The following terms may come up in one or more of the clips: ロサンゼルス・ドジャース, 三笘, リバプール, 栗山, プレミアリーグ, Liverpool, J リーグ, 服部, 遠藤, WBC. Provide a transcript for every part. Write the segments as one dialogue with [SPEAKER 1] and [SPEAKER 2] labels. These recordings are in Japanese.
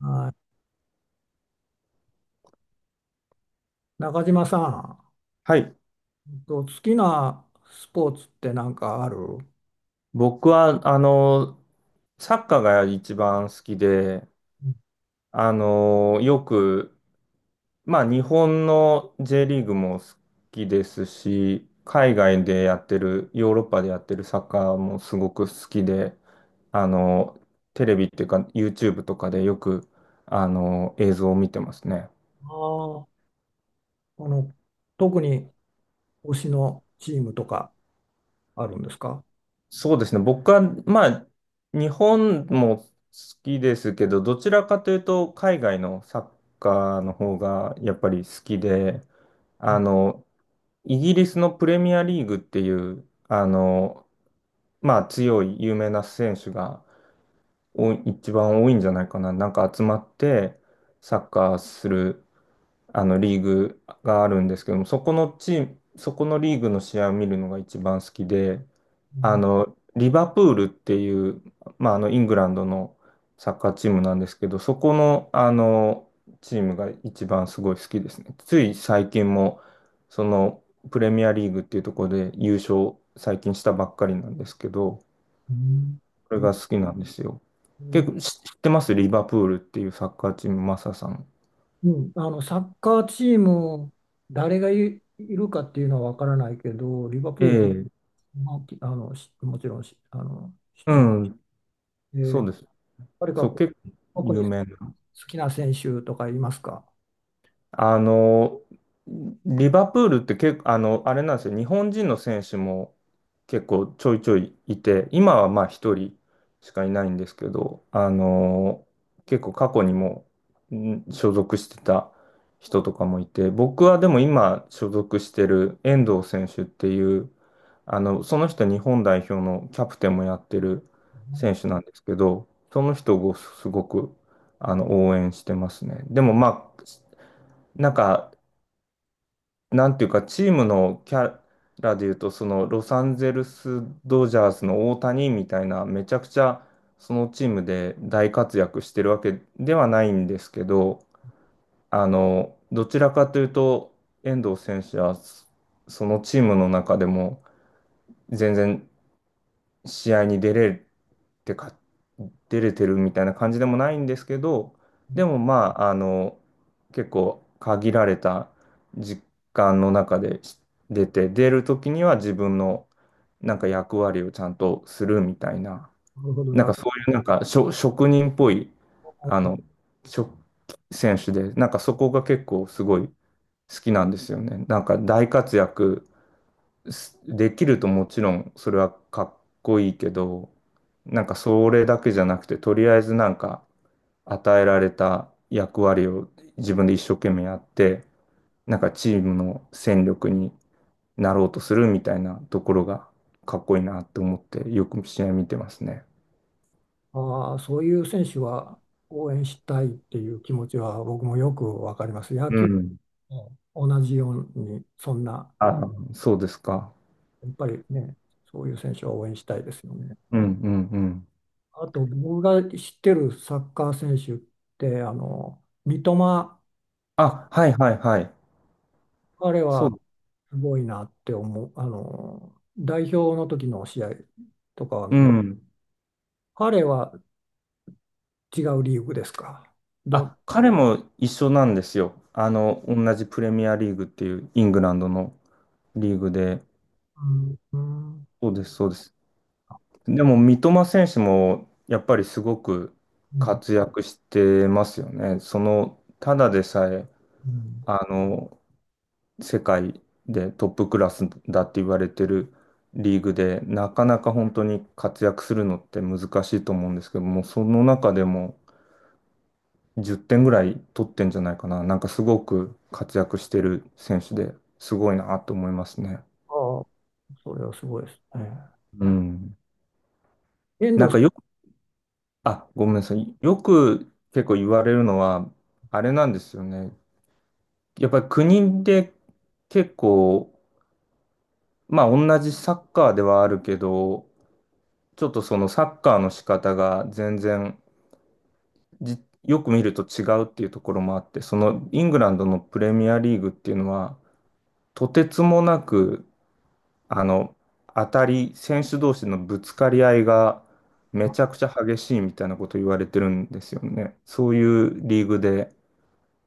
[SPEAKER 1] はい中島さん、
[SPEAKER 2] はい。
[SPEAKER 1] 好きなスポーツって何かある
[SPEAKER 2] 僕は、サッカーが一番好きで、よく、日本の J リーグも好きですし、海外でやってる、ヨーロッパでやってるサッカーもすごく好きで、あの、テレビっていうか、YouTube とかでよく、映像を見てますね。
[SPEAKER 1] あ あーあの、特に推しのチームとかあるんですか？
[SPEAKER 2] そうですね。僕は、日本も好きですけど、どちらかというと、海外のサッカーの方がやっぱり好きで、
[SPEAKER 1] う
[SPEAKER 2] あ
[SPEAKER 1] ん
[SPEAKER 2] の、イギリスのプレミアリーグっていう、強い有名な選手が多いんじゃないかな。なんか集まってサッカーするあのリーグがあるんですけども、そこのチーム、そこのリーグの試合を見るのが一番好きで、
[SPEAKER 1] う
[SPEAKER 2] リバプールっていう、イングランドのサッカーチームなんですけど、そこの、チームが一番すごい好きですね。つい最近も、その、プレミアリーグっていうところで優勝最近したばっかりなんですけど、
[SPEAKER 1] ん
[SPEAKER 2] これが好きなんですよ。結構知ってますリバプールっていうサッカーチーム、マサさん。
[SPEAKER 1] うん。あの、サッカーチーム、誰がい、いるかっていうのは分からないけど、リバプ
[SPEAKER 2] え
[SPEAKER 1] ール、
[SPEAKER 2] え、
[SPEAKER 1] まあ、あの、もちろんあの、知っ
[SPEAKER 2] う
[SPEAKER 1] てます。
[SPEAKER 2] ん、
[SPEAKER 1] え
[SPEAKER 2] そ
[SPEAKER 1] ー
[SPEAKER 2] うです。
[SPEAKER 1] 誰か
[SPEAKER 2] そ
[SPEAKER 1] こ
[SPEAKER 2] う、
[SPEAKER 1] う
[SPEAKER 2] 結構
[SPEAKER 1] 特に
[SPEAKER 2] 有
[SPEAKER 1] 好
[SPEAKER 2] 名
[SPEAKER 1] きな選手とかいますか？
[SPEAKER 2] あの、リバプールって結構、あれなんですよ。日本人の選手も結構ちょいちょいいて、今はまあ一人しかいないんですけど、結構過去にも所属してた人とかもいて、僕はでも今所属してる遠藤選手っていう、その人日本代表のキャプテンもやってる選手なんですけど、その人をすごく応援してますね。でもまあなんか、なんていうか、チームのキャラでいうと、そのロサンゼルス・ドジャースの大谷みたいな、めちゃくちゃそのチームで大活躍してるわけではないんですけど、どちらかというと、遠藤選手はそのチームの中でも全然試合にてか出れてるみたいな感じでもないんですけど、でもまあ、結構限られた時間の中で出て、出る時には自分のなんか役割をちゃんとするみたいな、
[SPEAKER 1] なるほど、
[SPEAKER 2] なんか
[SPEAKER 1] な
[SPEAKER 2] そういうなんか職人っぽい、あの、職選手で、なんかそこが結構すごい好きなんですよね。なんか大活躍できるともちろんそれはかっこいいけど、なんかそれだけじゃなくて、とりあえずなんか与えられた役割を自分で一生懸命やって、なんかチームの戦力になろうとするみたいなところがかっこいいなって思ってよく試合見てますね。
[SPEAKER 1] ああ、そういう選手は応援したいっていう気持ちは僕もよくわかります。野
[SPEAKER 2] う
[SPEAKER 1] 球
[SPEAKER 2] ん。
[SPEAKER 1] も同じように、そんな、
[SPEAKER 2] あ、そうですか。
[SPEAKER 1] やっぱりね、そういう選手は応援したいですよね。
[SPEAKER 2] うんうんうん。
[SPEAKER 1] あと、僕が知ってるサッカー選手って、あの、三笘、
[SPEAKER 2] あ、はいはいはい。
[SPEAKER 1] 彼
[SPEAKER 2] そ
[SPEAKER 1] は
[SPEAKER 2] う。
[SPEAKER 1] すごいなって思う。あの、代表の時の試合とかは
[SPEAKER 2] う
[SPEAKER 1] 見、
[SPEAKER 2] ん。
[SPEAKER 1] 彼は違うリーグですか。ど、
[SPEAKER 2] あ、彼も一緒なんですよ。同じプレミアリーグっていうイングランドのリーグで。
[SPEAKER 1] うん、うん、うん。
[SPEAKER 2] そうです、そうです。でも、三笘選手もやっぱりすごく活躍してますよね。その、ただでさえ、
[SPEAKER 1] うん。
[SPEAKER 2] あの、世界でトップクラスだって言われてるリーグで、なかなか本当に活躍するのって難しいと思うんですけども、その中でも10点ぐらい取ってんじゃないかな。なんかすごく活躍してる選手ですごいなと思いますね。
[SPEAKER 1] ああ、それはすごいですね。
[SPEAKER 2] うん。
[SPEAKER 1] 遠
[SPEAKER 2] な
[SPEAKER 1] 藤
[SPEAKER 2] ん
[SPEAKER 1] さ
[SPEAKER 2] かよく、あ、ごめんなさい。よく結構言われるのは、あれなんですよね。やっぱり国で結構、まあ同じサッカーではあるけど、ちょっとそのサッカーの仕方が全然じよく見ると違うっていうところもあって、そのイングランドのプレミアリーグっていうのは、とてつもなくあの、当たり、選手同士のぶつかり合いがめちゃくちゃ激しいみたいなこと言われてるんですよね。そういうリーグで。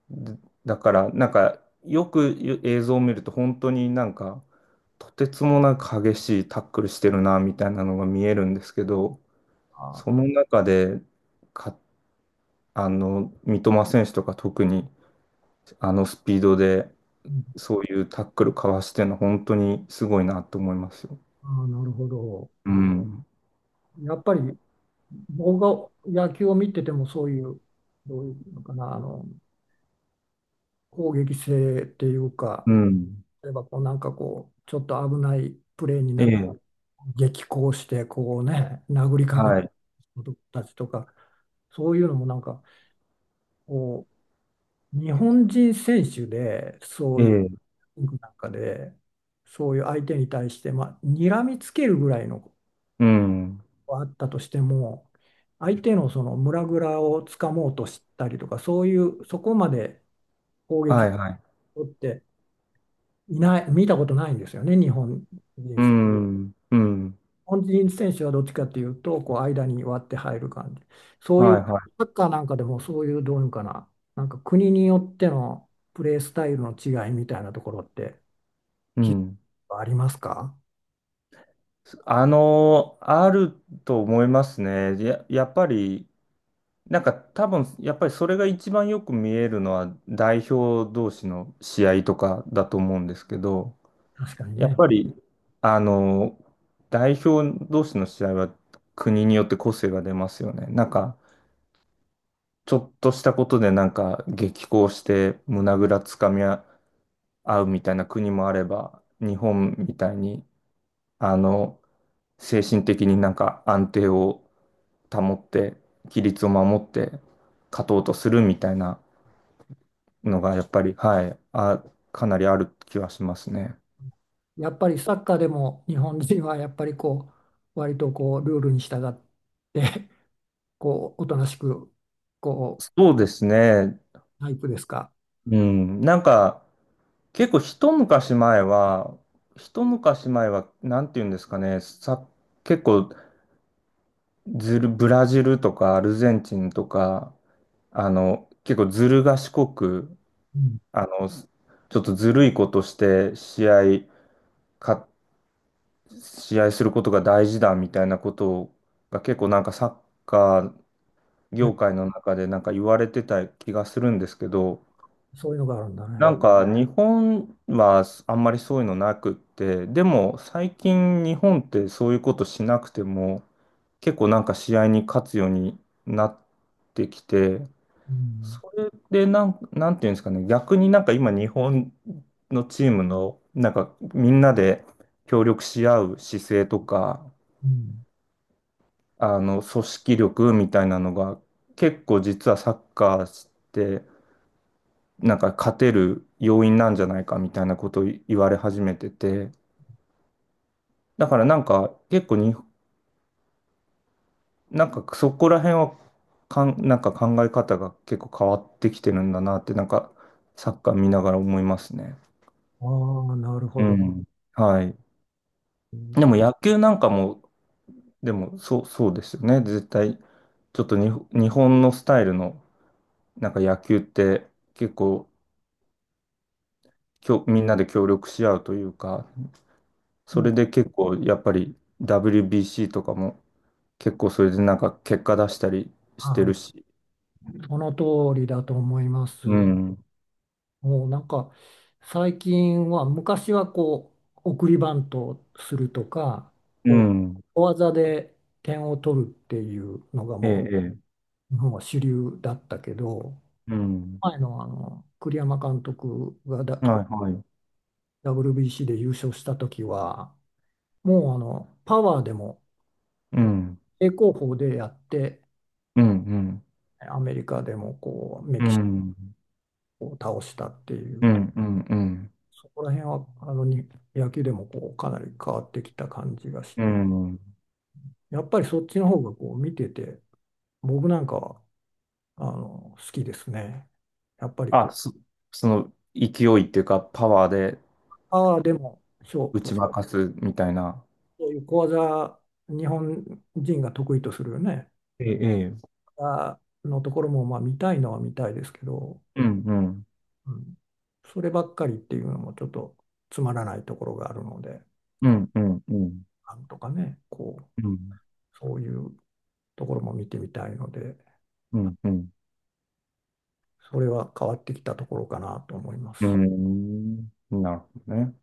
[SPEAKER 2] でだから、なんか、よく映像を見ると、本当になんか、とてつもなく激しいタックルしてるな、みたいなのが見えるんですけど、
[SPEAKER 1] んは、
[SPEAKER 2] その中で、か、三笘選手とか特に、あのスピードで、
[SPEAKER 1] うん。
[SPEAKER 2] そういうタックルかわしてるの、本当にすごいなと思いますよ。
[SPEAKER 1] ああ、なるほど。
[SPEAKER 2] うん。
[SPEAKER 1] やっぱり僕が野球を見ててもそういう、どういうのかな、あの攻撃性っていうか、
[SPEAKER 2] うん。
[SPEAKER 1] 例えばこう、ちょっと危ないプレーに
[SPEAKER 2] え
[SPEAKER 1] なったら
[SPEAKER 2] え、
[SPEAKER 1] 激高して、こうね、殴りかか
[SPEAKER 2] は
[SPEAKER 1] る
[SPEAKER 2] い、
[SPEAKER 1] 人たちとか、そういうのもなんかこ日本人選手でそ
[SPEAKER 2] え
[SPEAKER 1] ういう
[SPEAKER 2] え、
[SPEAKER 1] なんかで、そういう相手に対して、まあ、睨みつけるぐらいのこ
[SPEAKER 2] うん、
[SPEAKER 1] とはあったとしても、相手のその胸ぐらをつかもうとしたりとか、そういう、そこまで攻
[SPEAKER 2] は
[SPEAKER 1] 撃
[SPEAKER 2] い、はい、
[SPEAKER 1] をっていない、見たことないんですよね、日本人選
[SPEAKER 2] う
[SPEAKER 1] 手。日
[SPEAKER 2] ん、うん、
[SPEAKER 1] 本人選手はどっちかというと、こう間に割って入る感じ。そういう、
[SPEAKER 2] はい、はい。
[SPEAKER 1] サッカーなんかでもそういう、どういうのかな、なんか国によってのプレースタイルの違いみたいなところって
[SPEAKER 2] うん。
[SPEAKER 1] ありますか？
[SPEAKER 2] あると思いますね。やっぱり、なんか多分、やっぱりそれが一番よく見えるのは代表同士の試合とかだと思うんですけど、
[SPEAKER 1] 確かに
[SPEAKER 2] やっ
[SPEAKER 1] ね。
[SPEAKER 2] ぱり、あの、代表同士の試合は国によって個性が出ますよね。なんか、ちょっとしたことでなんか激高して胸ぐらつかみ合合うみたいな国もあれば、日本みたいに、あの、精神的になんか安定を保って、規律を守って勝とうとするみたいなのが、やっぱり、はい、あ、かなりある気はしますね。
[SPEAKER 1] やっぱりサッカーでも日本人はやっぱりこう割とこうルールに従って こうおとなしくこ
[SPEAKER 2] そうですね。
[SPEAKER 1] タイプですか？
[SPEAKER 2] うん。なんか、結構一昔前は、なんていうんですかね、結構ずる、ブラジルとかアルゼンチンとか、結構ずる賢く、
[SPEAKER 1] うん。
[SPEAKER 2] あの、ちょっとずるいことしてか、試合することが大事だみたいなことが結構なんかサッカー
[SPEAKER 1] ね、
[SPEAKER 2] 業界の中でなんか言われてた気がするんですけど、
[SPEAKER 1] そういうのがあるんだ
[SPEAKER 2] な
[SPEAKER 1] ね。
[SPEAKER 2] んか日本はあんまりそういうのなくって、でも最近日本ってそういうことしなくても結構なんか試合に勝つようになってきて、
[SPEAKER 1] うん
[SPEAKER 2] それでなんていうんですかね、逆になんか今、日本のチームの、なんかみんなで協力し合う姿勢とか、
[SPEAKER 1] うん。
[SPEAKER 2] あの組織力みたいなのが、結構実はサッカーして、なんか勝てる要因なんじゃないかみたいなことを言われ始めてて、だからなんか結構に、なんかそこら辺はなんか考え方が結構変わってきてるんだなって、なんかサッカー見ながら思いますね。
[SPEAKER 1] ああ、なる
[SPEAKER 2] う
[SPEAKER 1] ほど。
[SPEAKER 2] ん。はい。
[SPEAKER 1] うん。
[SPEAKER 2] でも野球なんかも、でもそう、そうですよね。絶対、ちょっとに日本のスタイルのなんか野球って結構みんなで協力し合うというか、それで結構やっぱり WBC とかも結構それでなんか結果出したりして
[SPEAKER 1] あ
[SPEAKER 2] るし。
[SPEAKER 1] ーその通りだと思いま
[SPEAKER 2] う
[SPEAKER 1] す。
[SPEAKER 2] ん。
[SPEAKER 1] もうなんか最近は昔はこう送りバントをするとか
[SPEAKER 2] う
[SPEAKER 1] こう
[SPEAKER 2] ん。
[SPEAKER 1] 小技で点を取るっていうのが
[SPEAKER 2] ええ、
[SPEAKER 1] も
[SPEAKER 2] ええ。
[SPEAKER 1] う日本は主流だったけど、
[SPEAKER 2] うん。
[SPEAKER 1] 前の、あの栗山監督が
[SPEAKER 2] はい、はい。
[SPEAKER 1] WBC で優勝した時は、もうあのパワーでも
[SPEAKER 2] うん。
[SPEAKER 1] 正攻法でやって、
[SPEAKER 2] うん、うん。
[SPEAKER 1] アメリカでもこうメ
[SPEAKER 2] う
[SPEAKER 1] キシ
[SPEAKER 2] ん。
[SPEAKER 1] コを倒したってい
[SPEAKER 2] う
[SPEAKER 1] う、
[SPEAKER 2] ん、うん、うん。
[SPEAKER 1] そこら辺はあのに野球でもこうかなり変わってきた感じがし
[SPEAKER 2] う
[SPEAKER 1] て、
[SPEAKER 2] ん。
[SPEAKER 1] やっぱりそっちの方がこう見てて、僕なんかはあの好きですね。やっぱりこ
[SPEAKER 2] あ、
[SPEAKER 1] う
[SPEAKER 2] そ、その勢いっていうかパワーで、
[SPEAKER 1] パワーでも
[SPEAKER 2] 打ち負かすみたいな。
[SPEAKER 1] そういう小技、日本人が得意とするよね、
[SPEAKER 2] ええ、ええ。
[SPEAKER 1] あのところもまあ見たいのは見たいですけど、
[SPEAKER 2] うんうん。
[SPEAKER 1] うん、そればっかりっていうのもちょっとつまらないところがあるので、
[SPEAKER 2] うんうんうん。
[SPEAKER 1] なんとかね、こう、
[SPEAKER 2] うん
[SPEAKER 1] そういうところも見てみたいので、
[SPEAKER 2] うんうん。
[SPEAKER 1] それは変わってきたところかなと思います。
[SPEAKER 2] うん。なるほどね。